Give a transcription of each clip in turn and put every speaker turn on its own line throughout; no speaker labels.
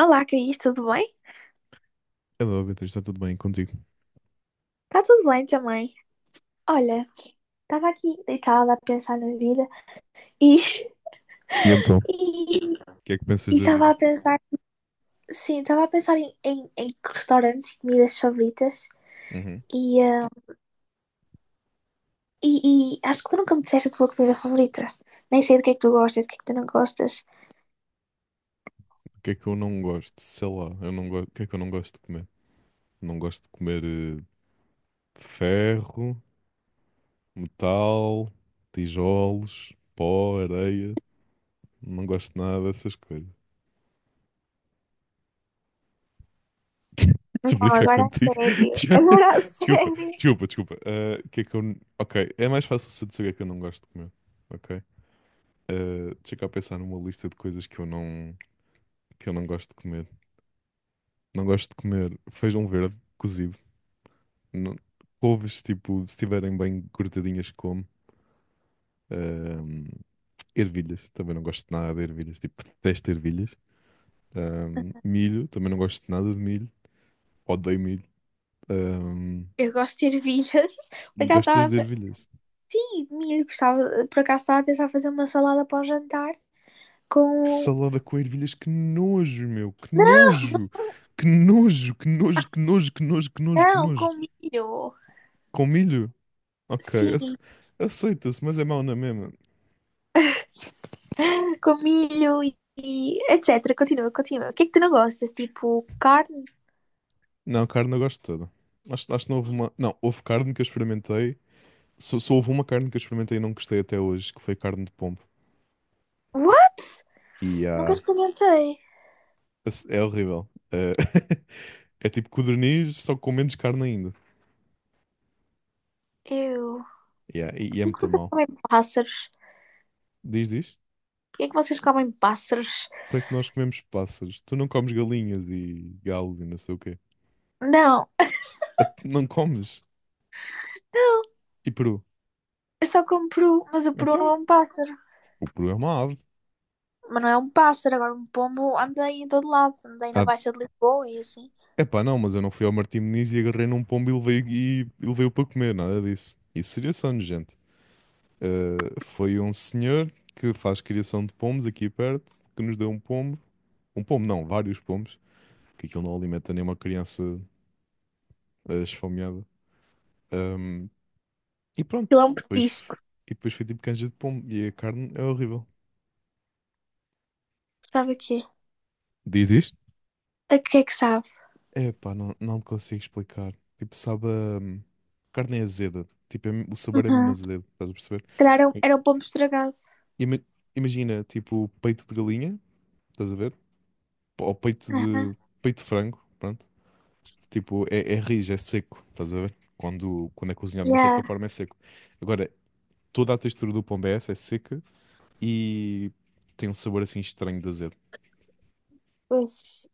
Olá, Cris, tudo bem?
Hello, Beatriz, está tudo bem contigo?
Tá tudo bem também. Olha, tava aqui deitada a pensar na vida e
O E então?
e
Que é que pensas da
tava
vida?
a pensar, sim, tava a pensar em restaurantes e comidas favoritas
Uhum.
e, e acho que tu nunca me disseste a tua comida favorita. Nem sei do que é que tu gostas, do que é que tu não gostas.
O que é que eu não gosto? Sei lá, eu não gosto. O que é que eu não gosto de comer? Não gosto de comer ferro, metal, tijolos, pó, areia. Não gosto de nada dessas coisas.
Não,
Se brincar
agora a
contigo.
sério,
já-
agora a
Desculpa,
sério.
desculpa, desculpa. Ah, o que é que eu. Ok, é mais fácil se eu dizer o que é que eu não gosto de comer. Ok? Ah, deixa eu cá pensar numa lista de coisas que eu não gosto de comer. Não gosto de comer feijão verde cozido. não- Couves, tipo, se estiverem bem cortadinhas, como. Ahm, Ervilhas, também não gosto de nada de ervilhas, tipo, detesto ervilhas. Milho, também não gosto de nada de milho, odeio milho. Ahm,
Eu gosto de ervilhas. Por acaso
Gostas de
estava.
ervilhas?
Sim, milho, gostava. Por acaso estava a pensar em fazer uma salada para o jantar com.
Salada com ervilhas, que nojo, meu, que nojo, que nojo, que nojo, que nojo, que nojo, que nojo, que
Não,
nojo.
com milho.
Com milho? Ok,
Sim,
aceita-se, mas é mau na mesma.
com milho e etc. Continua, continua. O que é que tu não gostas? Tipo, carne?
Não, carne eu gosto toda. Acho que não houve uma. Não, houve carne que eu experimentei. Só houve uma carne que eu experimentei e não gostei até hoje, que foi carne de pombo.
What?
E
Nunca experimentei.
é horrível. É tipo codorniz, só com menos carne ainda.
Eu.
Yeah, e é
Por que
muito
vocês
mal.
comem pássaros?
Diz, diz?
Por que é que vocês comem pássaros?
Para que nós comemos pássaros? Tu não comes galinhas e galos e não sei o quê.
Não,
Ah, tu não comes?
não.
E peru?
Eu só como peru, mas o peru não
Então,
é um pássaro.
o peru é uma ave.
Mas não é um pássaro, agora um pombo anda aí em todo lado. Anda aí na
Ah,
Baixa de Lisboa e assim.
epá, não, mas eu não fui ao Martim Moniz e agarrei num pombo e levei, e levei-o para comer, nada disso. Isso seria só nojento. Foi um senhor que faz criação de pombos aqui perto, que nos deu um pombo. Um pombo, não, vários pombos, que aquilo não alimenta nenhuma criança esfomeada. Um, e pronto,
Aquilo é um
depois,
petisco.
e depois foi tipo canja de pombo. E a carne é horrível.
Sabe o quê?
Diz isto?
A que é que sabe?
É pá, não, não te consigo explicar. Tipo, sabe, a carne é azeda. Tipo, o sabor é mesmo
Uhum.
azedo, estás a perceber?
Se calhar era um,
I-
era um pombo estragado.
Ima- Imagina, tipo, peito de galinha, estás a ver? Ou
Uhum.
peito de frango, pronto. Tipo, é rijo, é seco, estás a ver? Quando é cozinhado de uma certa
Yeah.
forma é seco. Agora, toda a textura do pombo é essa, é seca e tem um sabor assim estranho de azedo.
Pois.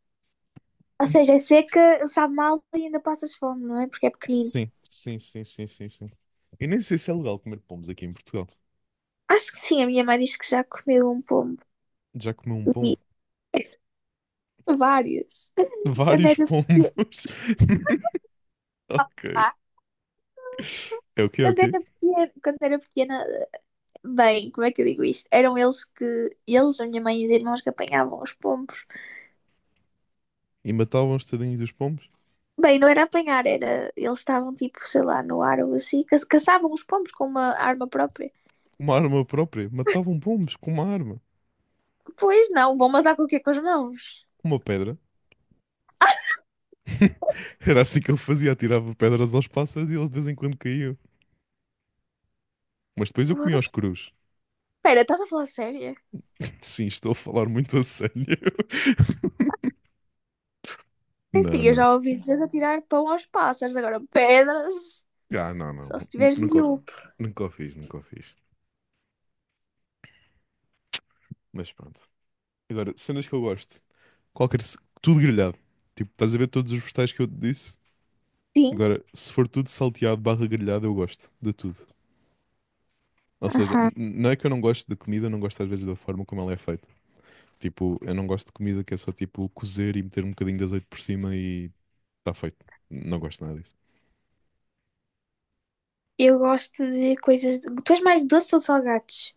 Ou seja, é seca, sabe mal e ainda passas fome, não é? Porque é pequenino.
Sim, sim, sim, sim, sim, sim. Eu nem sei se é legal comer pombos aqui em Portugal.
Acho que sim, a minha mãe diz que já comeu um pombo
Já comeu um pombo?
e vários. Quando
Vários
era pequena,
pombos. Ok.
vá,
É o quê? É o
quando
quê?
era pequena, quando era pequena, bem, como é que eu digo isto? Eram eles eles, a minha mãe e os irmãos que apanhavam os pombos.
E matavam os tadinhos dos pombos?
Bem, não era apanhar, era, eles estavam tipo, sei lá, no ar ou assim, caçavam os pombos com uma arma própria.
Uma arma própria. Matavam pombos com uma arma.
Pois não, vão matar com o quê? Com as mãos.
Com uma pedra. Era assim que ele fazia. Atirava pedras aos pássaros e eles de vez em quando caíam. Mas depois eu comi aos
What?
crus.
Espera, estás a falar sério?
Sim, estou a falar muito a sério.
É assim,
Não,
eu
não.
já ouvi dizer de atirar pão aos pássaros, agora pedras,
Ah, não, não.
só se tiveres
Nunca,
miúdo.
nunca o fiz, nunca o fiz. Mas pronto. Agora, cenas que eu gosto. Qualquer. Tudo grelhado. Tipo, estás a ver todos os vegetais que eu te disse?
Sim,
Agora, se for tudo salteado barra grelhado, eu gosto de tudo. Ou seja,
aham,
não é que eu não gosto de comida, não gosto às vezes da forma como ela é feita. Tipo, eu não gosto de comida que é só tipo cozer e meter um bocadinho de azeite por cima e está feito. Não gosto nada disso.
eu gosto de coisas. Tu és mais doce ou de salgados?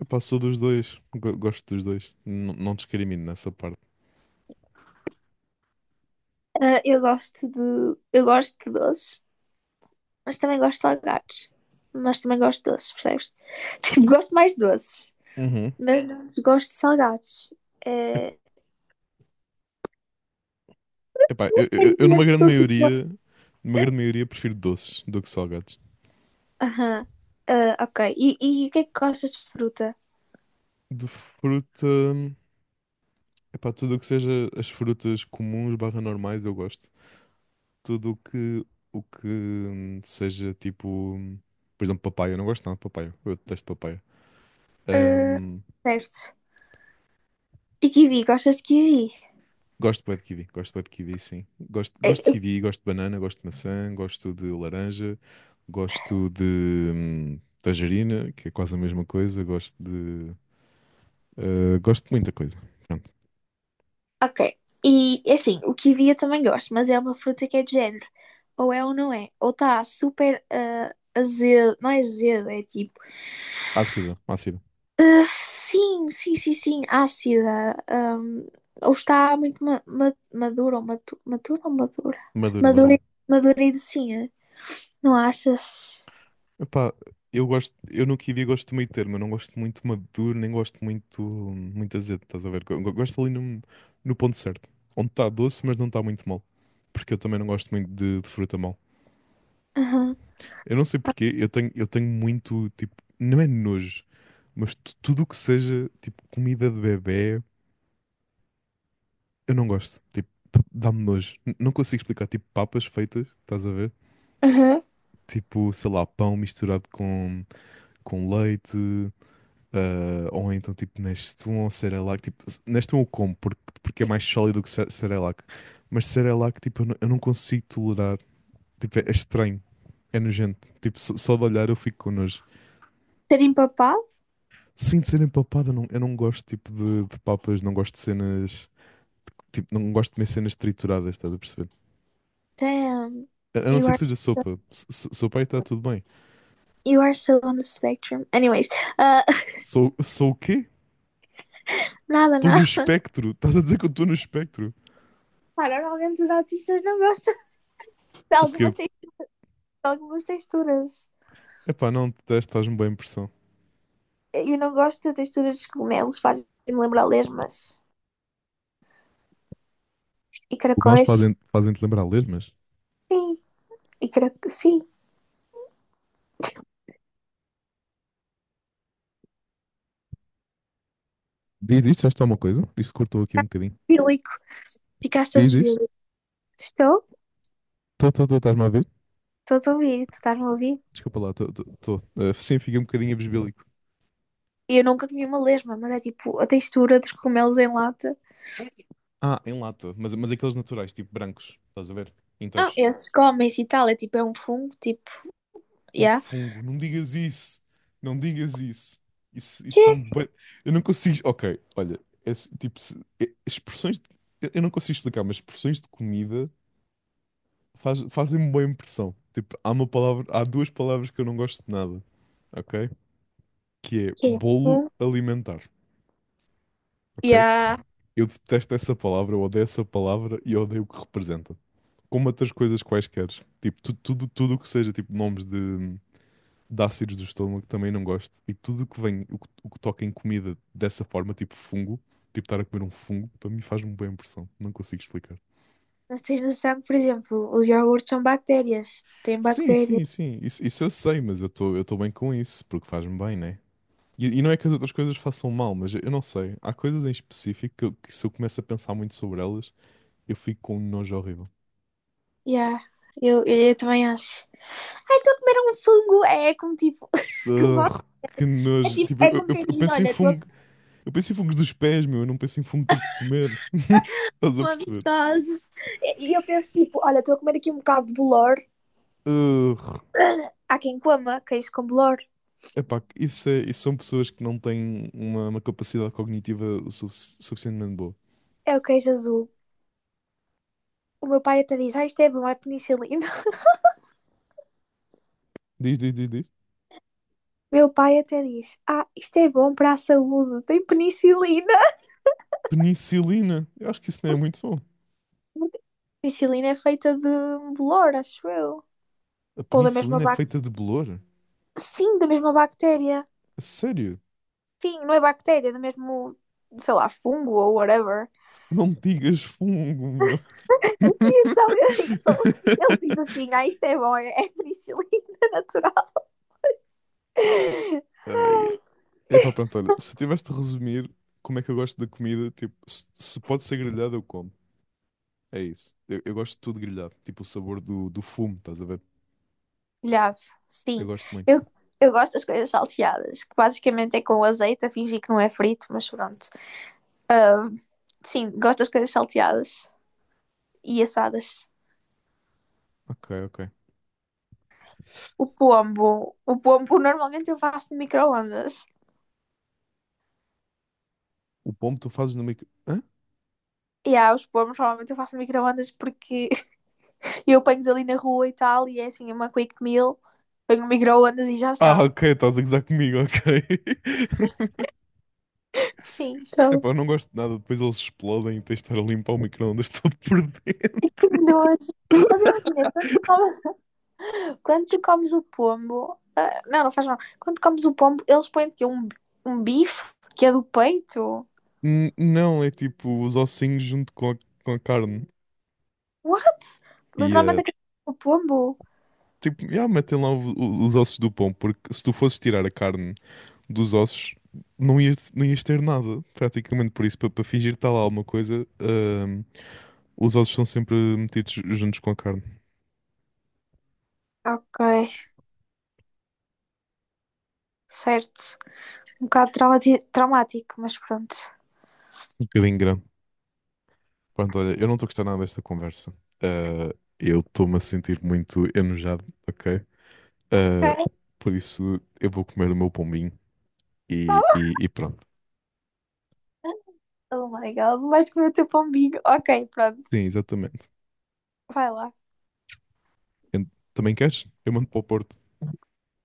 Epá, sou dos dois. Gosto dos dois. Não discrimino nessa parte.
Ah, eu gosto de. Eu gosto de doces, mas também gosto de salgados. Mas também gosto de doces, percebes? Tipo, gosto mais de doces,
Uhum.
mas não gosto de salgados.
Ep-
É.
Epá, eu numa
Permanente
grande
doce tu és.
maioria, numa grande maioria prefiro doces do que salgados.
Aham. Ah, ok. E o que é que gostas de fruta?
De fruta, epá, tudo o que seja as frutas comuns barra normais eu gosto. Tudo o que seja tipo, por exemplo, papaya. Eu não gosto nada de papaya. Eu detesto papaya.
Ah,
Hum,
certo. E kiwi, gostas de kiwi?
Gosto bué de kiwi, gosto bué de kiwi, sim. Gosto de
Eh,
kiwi, gosto de banana, gosto de maçã, gosto de laranja, gosto de tangerina, que é quase a mesma coisa. Gosto de. Gosto de muita coisa. Pronto.
ok. E assim, o kiwi eu também gosto, mas é uma fruta que é de género. Ou é ou não é. Ou está super azedo. Não é azedo, é tipo.
Ácida, ácida.
Sim, sim, sim, sim, ácida. Ou está muito madura ou matura ou madura?
Maduro,
Madura,
maduro.
madura e docinha. Não achas?
Epá, eu no kiwi gosto do meio termo, eu não gosto muito maduro, nem gosto muito, muito azedo, estás a ver? Gosto ali no, no ponto certo, onde está doce, mas não está muito mal, porque eu também não gosto muito de fruta mal.
Aham.
Eu não sei porquê, eu tenho, muito, tipo, não é nojo, mas tudo o que seja, tipo, comida de bebé, eu não gosto. Tipo, dá-me nojo. Não consigo explicar, tipo, papas feitas, estás a ver?
Uhum.
Tipo, sei lá, pão misturado com leite, ou então, tipo, Nestum ou Cerelac. Tipo, Nestum eu como, porque é mais sólido que Cerelac. Mas Cerelac, tipo, eu não consigo tolerar. Tipo, é estranho, é nojento. Tipo, só de olhar eu fico com nojo.
Ser empapado?
Sim, de cena empapada, não, eu não gosto tipo de papas, não gosto de cenas. Tipo, não gosto de comer cenas trituradas, estás a perceber?
Damn.
A não
You
ser que
are,
seja
so,
sopa. Sopa aí está tudo bem.
you are so on the spectrum. Anyways, ah,
Sou o quê?
nada,
Estou no
nada.
espectro. Estás a dizer que eu estou no espectro?
Pá, normalmente os autistas não gostam de
O quê?
algumas, de algumas texturas.
Epá, não, detesto, faz-me boa impressão.
Eu não gosto de texturas dos cogumelos, faz-me lembrar lesmas e
Nós
caracóis.
fazem-te lembrar lesmas?
Sim, e carac... sim.
Diz, diz, faz-te alguma coisa? Isto cortou aqui um bocadinho.
Bílico.
Diz,
Ficaste-me
diz.
bílico. Estou?
Estou, estás-me a ver?
Estou a ouvir, tu estás-me a ouvir?
Desculpa lá, estou. Ah, sim, fiquei um bocadinho abisbélico.
Eu nunca comi uma lesma, mas é tipo a textura dos cogumelos em lata.
Ah, em lata, mas aqueles naturais, tipo brancos, estás a ver?
Ah,
Inteiros.
esses comem-se e tal, é tipo, é um fungo, tipo,
Um
yeah.
fungo, não digas isso. Não digas isso. Isso
Que?
dá-me. Eu não consigo. Ok, olha, esse, tipo, expressões. Eu não consigo explicar, mas expressões de comida fazem-me boa impressão. Tipo, há uma palavra, há duas palavras que eu não gosto de nada, ok? Que é
Que é?
bolo
Fungo?
alimentar, ok?
Yeah.
Eu detesto essa palavra, eu odeio essa palavra e eu odeio o que representa. Como outras coisas quaisquer. Tipo, tudo o que seja, tipo, nomes de, ácidos do estômago também não gosto. E tudo o que vem, o que toca em comida dessa forma, tipo fungo, tipo estar a comer um fungo, para mim faz-me bem impressão. Não consigo explicar.
Mas tens noção que, por exemplo, os iogurtes são bactérias. Têm
Sim,
bactérias.
sim, sim. Isso eu sei, mas eu estou bem com isso, porque faz-me bem, né? E não é que as outras coisas façam mal, mas eu não sei. Há coisas em específico que, que se eu começo a pensar muito sobre elas, eu fico com um nojo horrível.
Yeah, eu também acho. Ai, estou a comer um fungo. É, é como tipo, que bom.
Ugh, que
É
nojo.
tipo,
Tipo, eu,
é como
eu-
quem
eu
diz,
penso em
olha, estou a
fungo.
comer
Eu penso em fungos dos pés, meu. Eu não penso em fungo tipo de comer. Estás a
uma
perceber?
mitose. E eu penso tipo, olha, estou a comer aqui um bocado de bolor.
Urgh.
Há quem coma queijo com bolor.
Epá, isso, isso são pessoas que não têm uma capacidade cognitiva o suficientemente boa.
É o queijo azul. O meu pai até diz, ah, isto é bom, é penicilina.
Diz, diz, diz, diz.
Meu pai até diz, ah, isto é bom para a saúde, tem penicilina.
Penicilina. Eu acho que isso não é muito bom.
Porque a penicilina é feita de um bolor, acho eu.
A
Ou da mesma
penicilina é feita
bactéria.
de bolor?
Sim, da mesma bactéria.
A sério?
Sim, não é bactéria, é mesmo, sei lá, fungo ou whatever.
Não digas fungo, meu.
E então ele, ele diz assim: ah, isto é bom, é penicilina natural.
Ai.
Ai.
Epá, pronto, olha. Se eu tivesse de resumir como é que eu gosto da comida, tipo, se pode ser grelhada, eu como. É isso. Eu gosto de tudo grelhado. Tipo o sabor do fumo, estás a ver?
Olhado,
Eu
sim.
gosto muito.
Eu, eu gosto das coisas salteadas, que basicamente é com azeite, a fingir que não é frito, mas pronto. Ahm, sim, gosto das coisas salteadas e assadas.
Ok, ok.
O pombo normalmente eu faço no micro-ondas.
O pombo tu fazes no micro. Hã?
E há os pombos normalmente eu faço no micro-ondas porque e eu ponho ali na rua e tal, e é assim, uma quick meal, ponho no micro-ondas e já
Ah,
está.
ok, estás a gozar comigo, ok.
Sim. Então,
Epá, eu não gosto de nada, depois eles explodem e tens de estar a limpar o micro-ondas todo por dentro.
nojo. Mas imagina, quando tu comes o pombo, ah, não, não faz mal. Quando comes o pombo, eles põem que um bife que é do peito.
Não, é tipo os ossinhos junto com a carne.
What?
E
Literalmente a cabeça pombo.
tipo, já metem lá os ossos do pão porque se tu fosses tirar a carne dos ossos, não ias ter nada, praticamente. Por isso, para fingir que está lá alguma coisa, os ossos são sempre metidos juntos com a carne.
Ok, certo. Um bocado traumático, mas pronto.
Um bocadinho grande. Pronto, olha, eu não estou a gostar nada desta conversa. Ah, eu estou-me a sentir muito enojado, ok? Ah,
Ok,
por isso, eu vou comer o meu pombinho e pronto.
oh my god, vais comer o teu pombinho. Ok, pronto.
Sim, exatamente.
Vai lá.
Também queres? Eu mando para o Porto.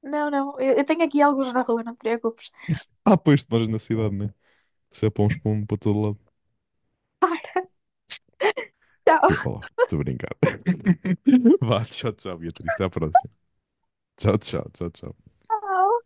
Não, não, eu tenho aqui alguns na rua, não te preocupes.
Ah, pois, tu moras na cidade, né? Se é para uns pombo para todo lado. E eu para lá. Estou a brincar. Vá, tchau, tchau, Beatriz. Até à próxima. Tchau, tchau, tchau, tchau.
Tchau.